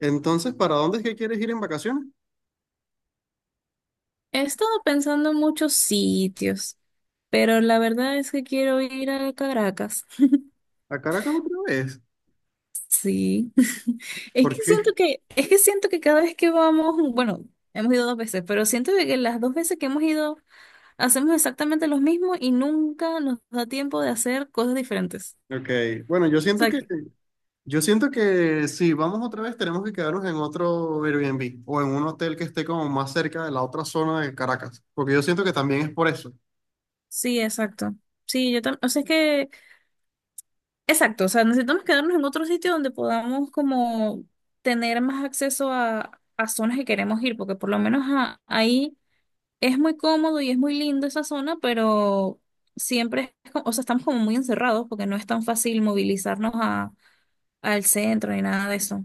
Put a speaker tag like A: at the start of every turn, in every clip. A: Entonces, ¿para dónde es que quieres ir en vacaciones?
B: He estado pensando en muchos sitios, pero la verdad es que quiero ir a Caracas.
A: ¿A Caracas otra vez?
B: Sí. Es que
A: ¿Por qué?
B: siento que, es que siento que cada vez que vamos, bueno, hemos ido dos veces, pero siento de que las dos veces que hemos ido hacemos exactamente lo mismo y nunca nos da tiempo de hacer cosas diferentes.
A: Ok, bueno, yo
B: O
A: siento
B: sea,
A: que, yo siento que si vamos otra vez tenemos que quedarnos en otro Airbnb o en un hotel que esté como más cerca de la otra zona de Caracas, porque yo siento que también es por eso.
B: sí, exacto. Sí, yo también, o sea, es que, exacto, o sea, necesitamos quedarnos en otro sitio donde podamos como tener más acceso a zonas que queremos ir, porque por lo menos ahí es muy cómodo y es muy lindo esa zona, pero siempre es, o sea, estamos como muy encerrados porque no es tan fácil movilizarnos al centro ni nada de eso.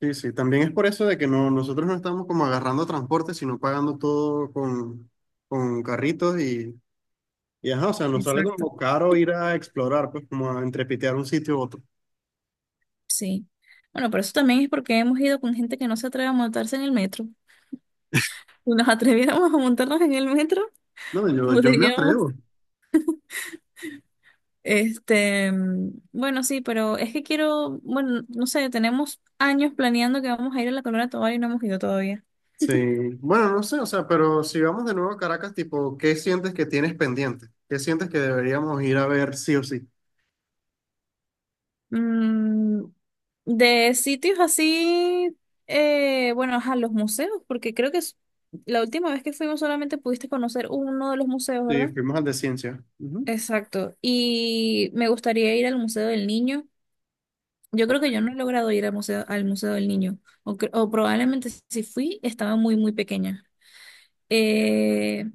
A: Sí, sí, también es por eso de que no, nosotros no estamos como agarrando transporte, sino pagando todo con carritos y ajá, o sea, nos sale
B: Exacto.
A: como caro ir a explorar, pues como a entrepitear un sitio u otro.
B: Sí. Bueno, pero eso también es porque hemos ido con gente que no se atreve a montarse en el metro. Si nos atreviéramos a montarnos en el metro,
A: No, yo me
B: podríamos,
A: atrevo.
B: bueno, sí, pero es que quiero, bueno, no sé, tenemos años planeando que vamos a ir a la Corona Tobar y no hemos ido todavía.
A: Sí, bueno, no sé, o sea, pero si vamos de nuevo a Caracas, tipo, ¿qué sientes que tienes pendiente? ¿Qué sientes que deberíamos ir a ver sí o sí?
B: Mm, de sitios así, bueno, a los museos, porque creo que la última vez que fuimos solamente pudiste conocer uno de los museos,
A: Sí,
B: ¿verdad?
A: fuimos al de ciencia. Ujú.
B: Exacto. Y me gustaría ir al Museo del Niño. Yo creo que yo no he logrado ir al Museo del Niño, o probablemente si fui, estaba muy, muy pequeña. Eh,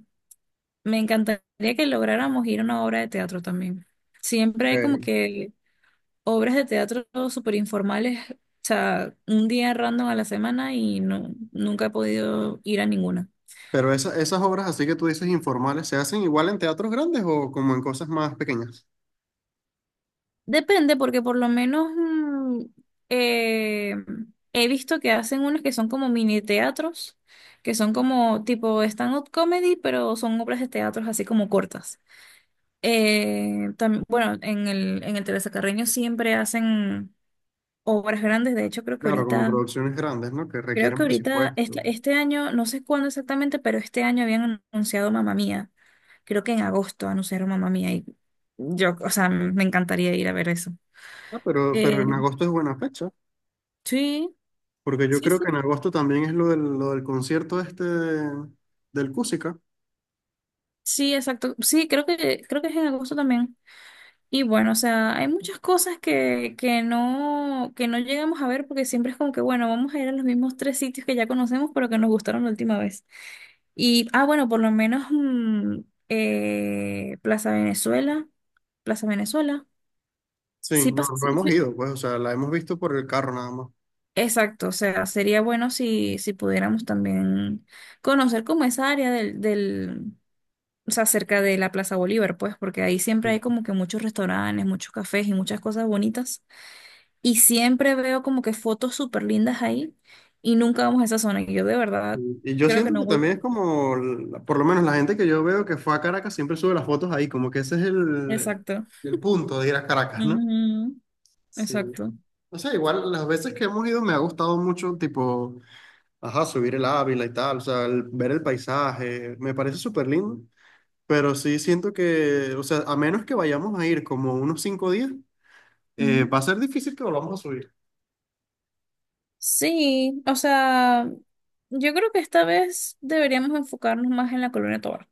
B: Me encantaría que lográramos ir a una obra de teatro también. Siempre hay como
A: Ok.
B: que obras de teatro súper informales, o sea, un día random a la semana y no, nunca he podido ir a ninguna.
A: Pero esas obras así que tú dices informales, ¿se hacen igual en teatros grandes o como en cosas más pequeñas?
B: Depende, porque por lo menos eh, he visto que hacen unas que son como mini teatros, que son como tipo stand-up comedy, pero son obras de teatro así como cortas. Bueno, en el Teresa Carreño siempre hacen obras grandes, de hecho creo que
A: Claro, como
B: ahorita
A: producciones grandes, ¿no? Que
B: Creo
A: requieren
B: que ahorita,
A: presupuesto.
B: este año, no sé cuándo exactamente, pero este año habían anunciado Mamá Mía. Creo que en agosto anunciaron Mamá Mía y yo, o sea, me encantaría ir a ver eso.
A: Ah, pero
B: Eh,
A: en agosto es buena fecha,
B: sí,
A: porque yo
B: sí,
A: creo
B: sí,
A: que en agosto también es lo del concierto este del Cusica.
B: sí, exacto. Sí, creo que es en agosto también. Y bueno, o sea, hay muchas cosas que, que no llegamos a ver porque siempre es como que, bueno, vamos a ir a los mismos tres sitios que ya conocemos, pero que nos gustaron la última vez. Y, bueno, por lo menos eh, Plaza Venezuela, Plaza Venezuela,
A: Sí,
B: sí,
A: no, no
B: sí,
A: hemos ido, pues, o sea, la hemos visto por el carro nada más.
B: exacto, o sea, sería bueno si, si pudiéramos también conocer como esa área del, o sea, cerca de la Plaza Bolívar, pues, porque ahí siempre hay como que muchos restaurantes, muchos cafés y muchas cosas bonitas. Y siempre veo como que fotos súper lindas ahí y nunca vamos a esa zona. Y yo de verdad
A: Y yo
B: creo que
A: siento
B: no
A: que
B: voy.
A: también es como, por lo menos la gente que yo veo que fue a Caracas siempre sube las fotos ahí, como que ese es el,
B: Exacto.
A: el punto de ir a Caracas, ¿no?
B: Ujú.
A: Sí.
B: Exacto.
A: O sea, igual las veces que hemos ido me ha gustado mucho, tipo, ajá, subir el Ávila y tal, o sea, ver el paisaje, me parece súper lindo, pero sí siento que, o sea, a menos que vayamos a ir como unos 5 días, va a ser difícil que volvamos a subir.
B: Sí, o sea, yo creo que esta vez deberíamos enfocarnos más en la Colonia Tovar,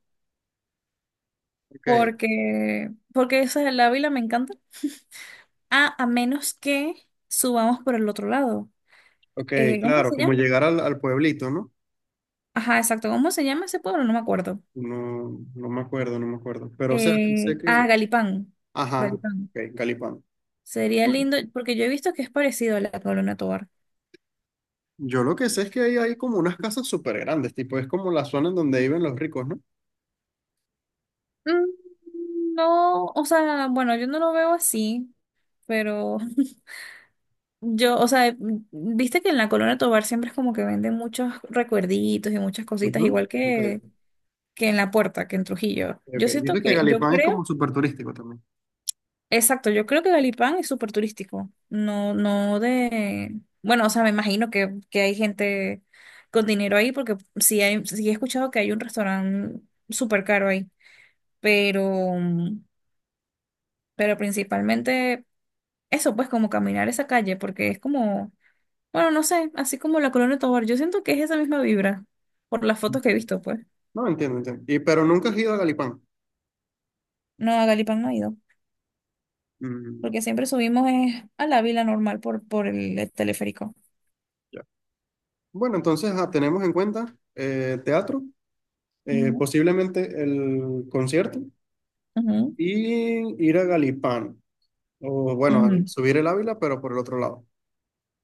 A: Ok,
B: porque esa de la Ávila me encanta. Ah, a menos que subamos por el otro lado.
A: ok,
B: ¿Cómo
A: claro,
B: se
A: como
B: llama?
A: llegar al pueblito, ¿no?
B: Ajá, exacto. ¿Cómo se llama ese pueblo? No me acuerdo.
A: No, no me acuerdo, no me acuerdo. Pero, o sea, sí sé que.
B: Galipán.
A: Ajá,
B: Galipán.
A: ok, Calipán.
B: Sería lindo, porque yo he visto que es parecido a la Colonia Tovar.
A: Yo lo que sé es que ahí hay como unas casas súper grandes, tipo, es como la zona en donde viven los ricos, ¿no?
B: Mm, No, o sea, bueno, yo no lo veo así, pero Yo, o sea, viste que en la Colonia Tovar siempre es como que venden muchos recuerditos y muchas cositas,
A: Ujú,
B: igual
A: ok,
B: que en La Puerta, que en Trujillo.
A: ok.
B: Yo siento
A: Dices que
B: que, yo
A: Galipán es como
B: creo,
A: súper turístico también.
B: exacto, yo creo que Galipán es súper turístico. No, no bueno, o sea, me imagino que, hay gente con dinero ahí, porque sí he escuchado que hay un restaurante súper caro ahí, pero, principalmente eso, pues como caminar esa calle, porque es como bueno, no sé, así como la Colonia Tovar, yo siento que es esa misma vibra, por las fotos que he visto, pues.
A: No, entiendo, entiendo. Y, pero nunca has ido a Galipán.
B: No, a Galipán no he ido,
A: Mm,
B: porque siempre subimos a la vila normal por, el teleférico.
A: ya. Bueno, entonces tenemos en cuenta teatro,
B: Ujú,
A: posiblemente el concierto
B: ujú,
A: y ir a Galipán. O bueno, al
B: ujú.
A: subir el Ávila, pero por el otro lado.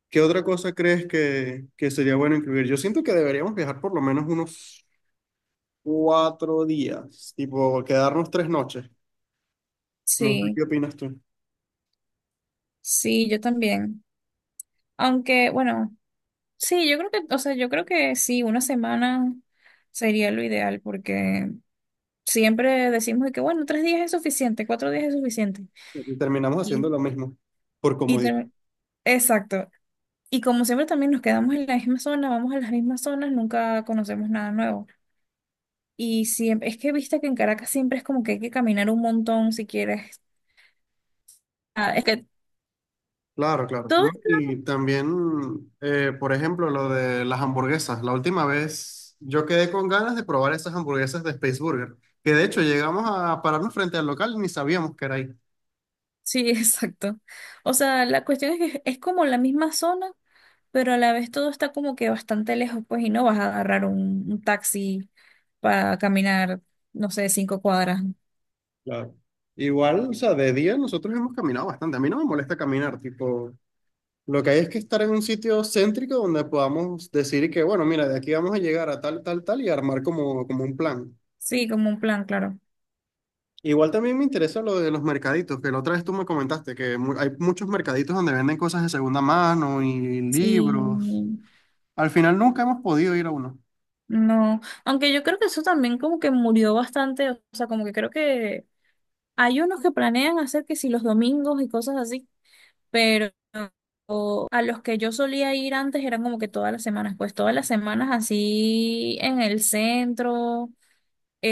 A: ¿Qué otra cosa crees que sería bueno incluir? Yo siento que deberíamos viajar por lo menos unos 4 días, tipo quedarnos 3 noches. No sé
B: Sí,
A: qué opinas tú.
B: sí, yo también. Aunque, bueno, sí, o sea, yo creo que sí, una semana sería lo ideal, porque siempre decimos de que, bueno, 3 días es suficiente, 4 días es suficiente.
A: Y terminamos
B: Y,
A: haciendo lo mismo, por
B: y
A: comodidad.
B: termi- Exacto, y como siempre también nos quedamos en la misma zona, vamos a las mismas zonas, nunca conocemos nada nuevo. Y siempre, es que viste que en Caracas siempre es como que hay que caminar un montón si quieres. Ah, es que
A: Claro, claro,
B: todo,
A: ¿no? Y también, por ejemplo, lo de las hamburguesas. La última vez yo quedé con ganas de probar esas hamburguesas de Space Burger, que de hecho llegamos a pararnos frente al local y ni sabíamos que era ahí.
B: sí, exacto. O sea, la cuestión es que es como la misma zona, pero a la vez todo está como que bastante lejos, pues, y no vas a agarrar un, taxi para caminar, no sé, 5 cuadras.
A: Claro. Igual, o sea, de día nosotros hemos caminado bastante. A mí no me molesta caminar, tipo, lo que hay es que estar en un sitio céntrico donde podamos decir que, bueno, mira, de aquí vamos a llegar a tal, tal, tal y armar como, como un plan.
B: Sí, como un plan, claro.
A: Igual también me interesa lo de los mercaditos, que la otra vez tú me comentaste que hay muchos mercaditos donde venden cosas de segunda mano y libros.
B: Sí.
A: Al final nunca hemos podido ir a uno.
B: No, aunque yo creo que eso también como que murió bastante, o sea, como que creo que hay unos que planean hacer que si los domingos y cosas así, pero a los que yo solía ir antes eran como que todas las semanas, pues todas las semanas así en el centro,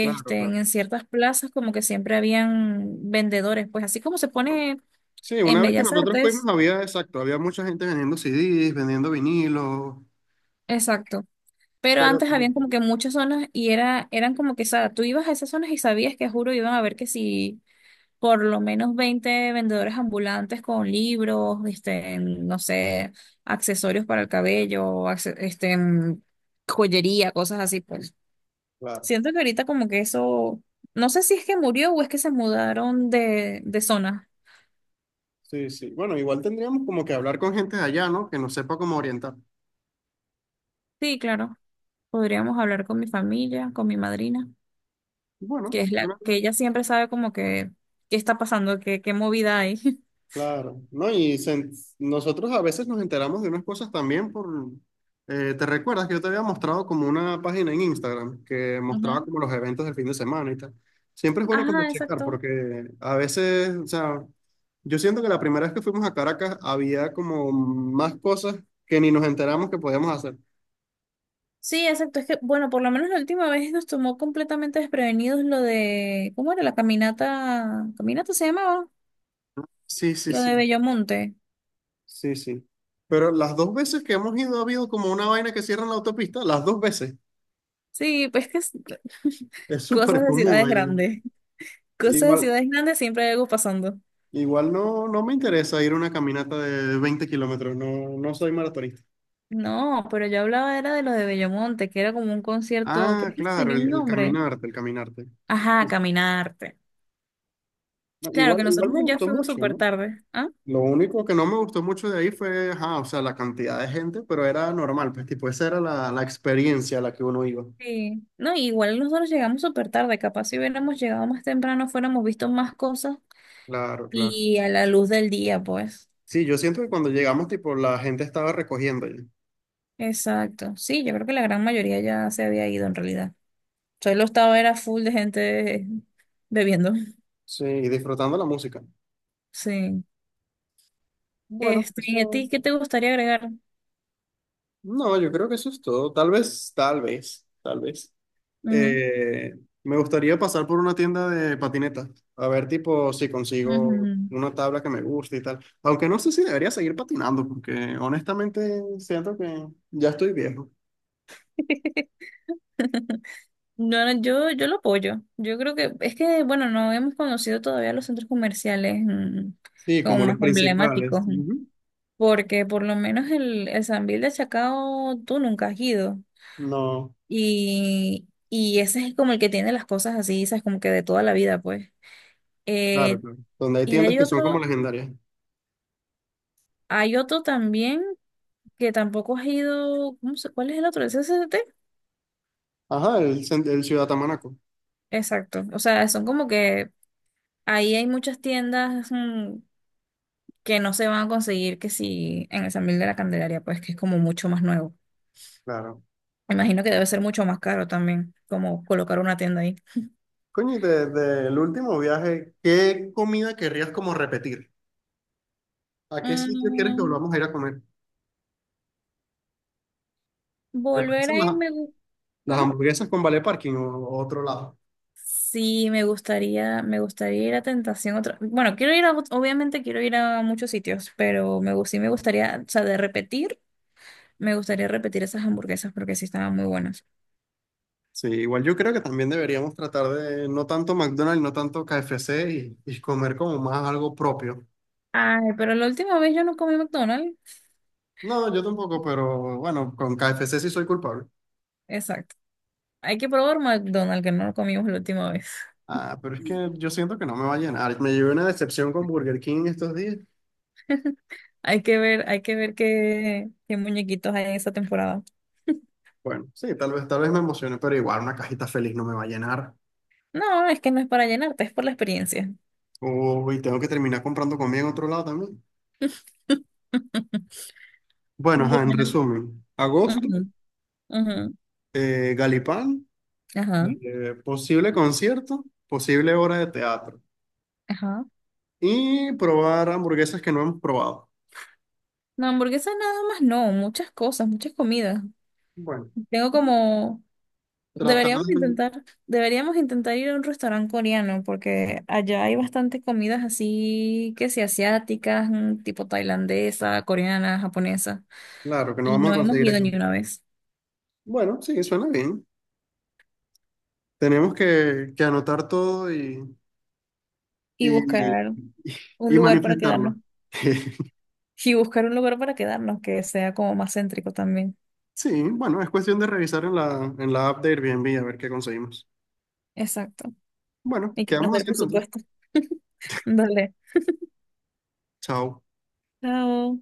A: Claro, claro.
B: en ciertas plazas como que siempre habían vendedores, pues así como se pone
A: Sí,
B: en
A: una vez que
B: Bellas
A: nosotros fuimos
B: Artes,
A: había, exacto, había mucha gente vendiendo CDs, vendiendo vinilos,
B: exacto. Pero
A: pero
B: antes
A: como
B: habían como
A: estamos-
B: que muchas zonas y era, eran como que, o sea, tú ibas a esas zonas y sabías que, juro, iban a ver que si por lo menos 20 vendedores ambulantes con libros, no sé, accesorios para el cabello, joyería, cosas así, pues.
A: Claro,
B: Siento que ahorita como que eso, no sé si es que murió o es que se mudaron de, zona.
A: sí, sí. Bueno, igual tendríamos como que hablar con gente de allá, ¿no? Que nos sepa cómo orientar.
B: Sí, claro. Podríamos hablar con mi familia, con mi madrina,
A: Bueno,
B: que es la
A: bueno,
B: que ella siempre sabe como que qué está pasando, qué movida hay.
A: claro, ¿no? Y se- nosotros a veces nos enteramos de unas cosas también por... ¿te recuerdas que yo te había mostrado como una página en Instagram que mostraba
B: Ujú.
A: como los eventos del fin de semana y tal? Siempre es bueno como
B: Ajá,
A: checar
B: exacto.
A: porque a veces, o sea, yo siento que la primera vez que fuimos a Caracas había como más cosas que ni nos enteramos que podíamos hacer.
B: Sí, exacto. Es que, bueno, por lo menos la última vez nos tomó completamente desprevenidos lo de, ¿cómo era la caminata? ¿Caminata se llamaba?
A: Sí, sí,
B: Lo de
A: sí,
B: Bellomonte.
A: sí, sí. Pero las 2 veces que hemos ido ha habido como una vaina que cierra la autopista, las 2 veces.
B: Sí, pues que es-
A: Es
B: cosas
A: súper
B: de
A: común
B: ciudades
A: allá.
B: grandes. Cosas de
A: Igual,
B: ciudades grandes siempre hay algo pasando.
A: Igual, no, no me interesa ir a una caminata de 20 kilómetros, no, no soy maratonista.
B: No, pero yo hablaba era de lo de Bellomonte, que era como un concierto, pero
A: Ah,
B: es que
A: claro,
B: tenía
A: el,
B: un
A: el
B: nombre.
A: caminarte, el caminarte.
B: Ajá, Caminarte.
A: No,
B: Claro
A: igual,
B: que
A: igual
B: nosotros
A: me
B: ya
A: gustó
B: fuimos
A: mucho,
B: súper
A: ¿no?
B: tarde. ¿Ah?
A: Lo único que no me gustó mucho de ahí fue, ajá, o sea, la cantidad de gente, pero era normal, pues tipo, esa era la experiencia a la que uno iba.
B: Sí. No, igual nosotros llegamos súper tarde, capaz si hubiéramos llegado más temprano, fuéramos visto más cosas
A: Claro, claro.
B: y a la luz del día, pues.
A: Sí, yo siento que cuando llegamos, tipo, la gente estaba recogiendo ya.
B: Exacto. Sí, yo creo que la gran mayoría ya se había ido en realidad. Solo estaba era full de gente bebiendo.
A: Sí, y disfrutando la música.
B: Sí.
A: Bueno,
B: ¿Y a
A: eso,
B: ti qué te gustaría agregar?
A: no, yo creo que eso es todo. Tal vez, tal vez, tal vez.
B: Ujú,
A: Eh, me gustaría pasar por una tienda de patinetas, a ver tipo si
B: ujú.
A: consigo una tabla que me guste y tal. Aunque no sé si debería seguir patinando, porque honestamente siento que ya estoy viejo.
B: No, no, yo lo apoyo. Yo creo que es que, bueno, no hemos conocido todavía los centros comerciales
A: Sí,
B: como
A: como los
B: más emblemáticos,
A: principales. Ujú.
B: porque por lo menos el Sambil de Chacao tú nunca has ido.
A: No,
B: Y ese es como el que tiene las cosas así, ¿sabes? Como que de toda la vida, pues.
A: claro,
B: Eh,
A: claro. Donde hay
B: y
A: tiendas
B: hay
A: que son como
B: otro,
A: legendarias.
B: hay otro también que tampoco has ido, ¿cuál es el otro? ¿El CCT?
A: Ajá, el, el Ciudad Tamanaco.
B: Exacto. O sea, son como que ahí hay muchas tiendas que no se van a conseguir que si en el San Miguel de la Candelaria, pues que es como mucho más nuevo.
A: Claro.
B: Me imagino que debe ser mucho más caro también, como colocar una tienda ahí.
A: Coño, y desde el último viaje, ¿qué comida querrías como repetir? ¿A qué sitio quieres que
B: Mm,
A: volvamos a ir a comer? ¿Te
B: Volver
A: parecen
B: a
A: las,
B: irme,
A: las
B: ¿cómo?
A: hamburguesas con Vale Parking o otro lado?
B: Sí, me gustaría ir a Tentación otra. Bueno, obviamente quiero ir a muchos sitios, pero sí me gustaría, o sea, de repetir, me gustaría repetir esas hamburguesas porque sí estaban muy buenas.
A: Sí, igual yo creo que también deberíamos tratar de no tanto McDonald's, no tanto KFC y comer como más algo propio.
B: Ay, pero la última vez yo no comí McDonald's.
A: No, yo tampoco, pero bueno, con KFC sí soy culpable.
B: Exacto. Hay que probar McDonald's que no lo comimos la última vez.
A: Ah, pero es que yo siento que no me va a llenar. Me llevé una decepción con Burger King estos días.
B: Hay que ver qué muñequitos hay en esa temporada.
A: Bueno, sí, tal vez me emocione, pero igual una cajita feliz no me va a llenar.
B: No, es que no es para llenarte, es por la experiencia.
A: Uy, tengo que terminar comprando comida en otro lado también. Bueno, ajá, en
B: Bueno.
A: resumen, agosto,
B: Ujú, ujú.
A: Galipán,
B: Ajá,
A: posible concierto, posible hora de teatro.
B: ajá.
A: Y probar hamburguesas que no hemos probado.
B: No, hamburguesas nada más, no, muchas cosas, muchas comidas.
A: Bueno,
B: Tengo como,
A: tratar
B: deberíamos
A: de...
B: intentar, deberíamos intentar ir a un restaurante coreano porque allá hay bastantes comidas así que sí, asiáticas, tipo tailandesa, coreana, japonesa,
A: Claro, que no
B: y
A: vamos a
B: no hemos
A: conseguir
B: ido
A: aquí.
B: ni una vez.
A: Bueno, sí, suena bien. Tenemos que anotar todo
B: Y
A: y,
B: buscar un
A: y
B: lugar para quedarnos.
A: manifestarlo.
B: Y buscar un lugar para quedarnos que sea como más céntrico también.
A: Sí, bueno, es cuestión de revisar en la app de Airbnb a ver qué conseguimos.
B: Exacto.
A: Bueno,
B: Y que nos
A: quedamos
B: dé el
A: así entonces.
B: presupuesto. Dale.
A: Chao.
B: Chao.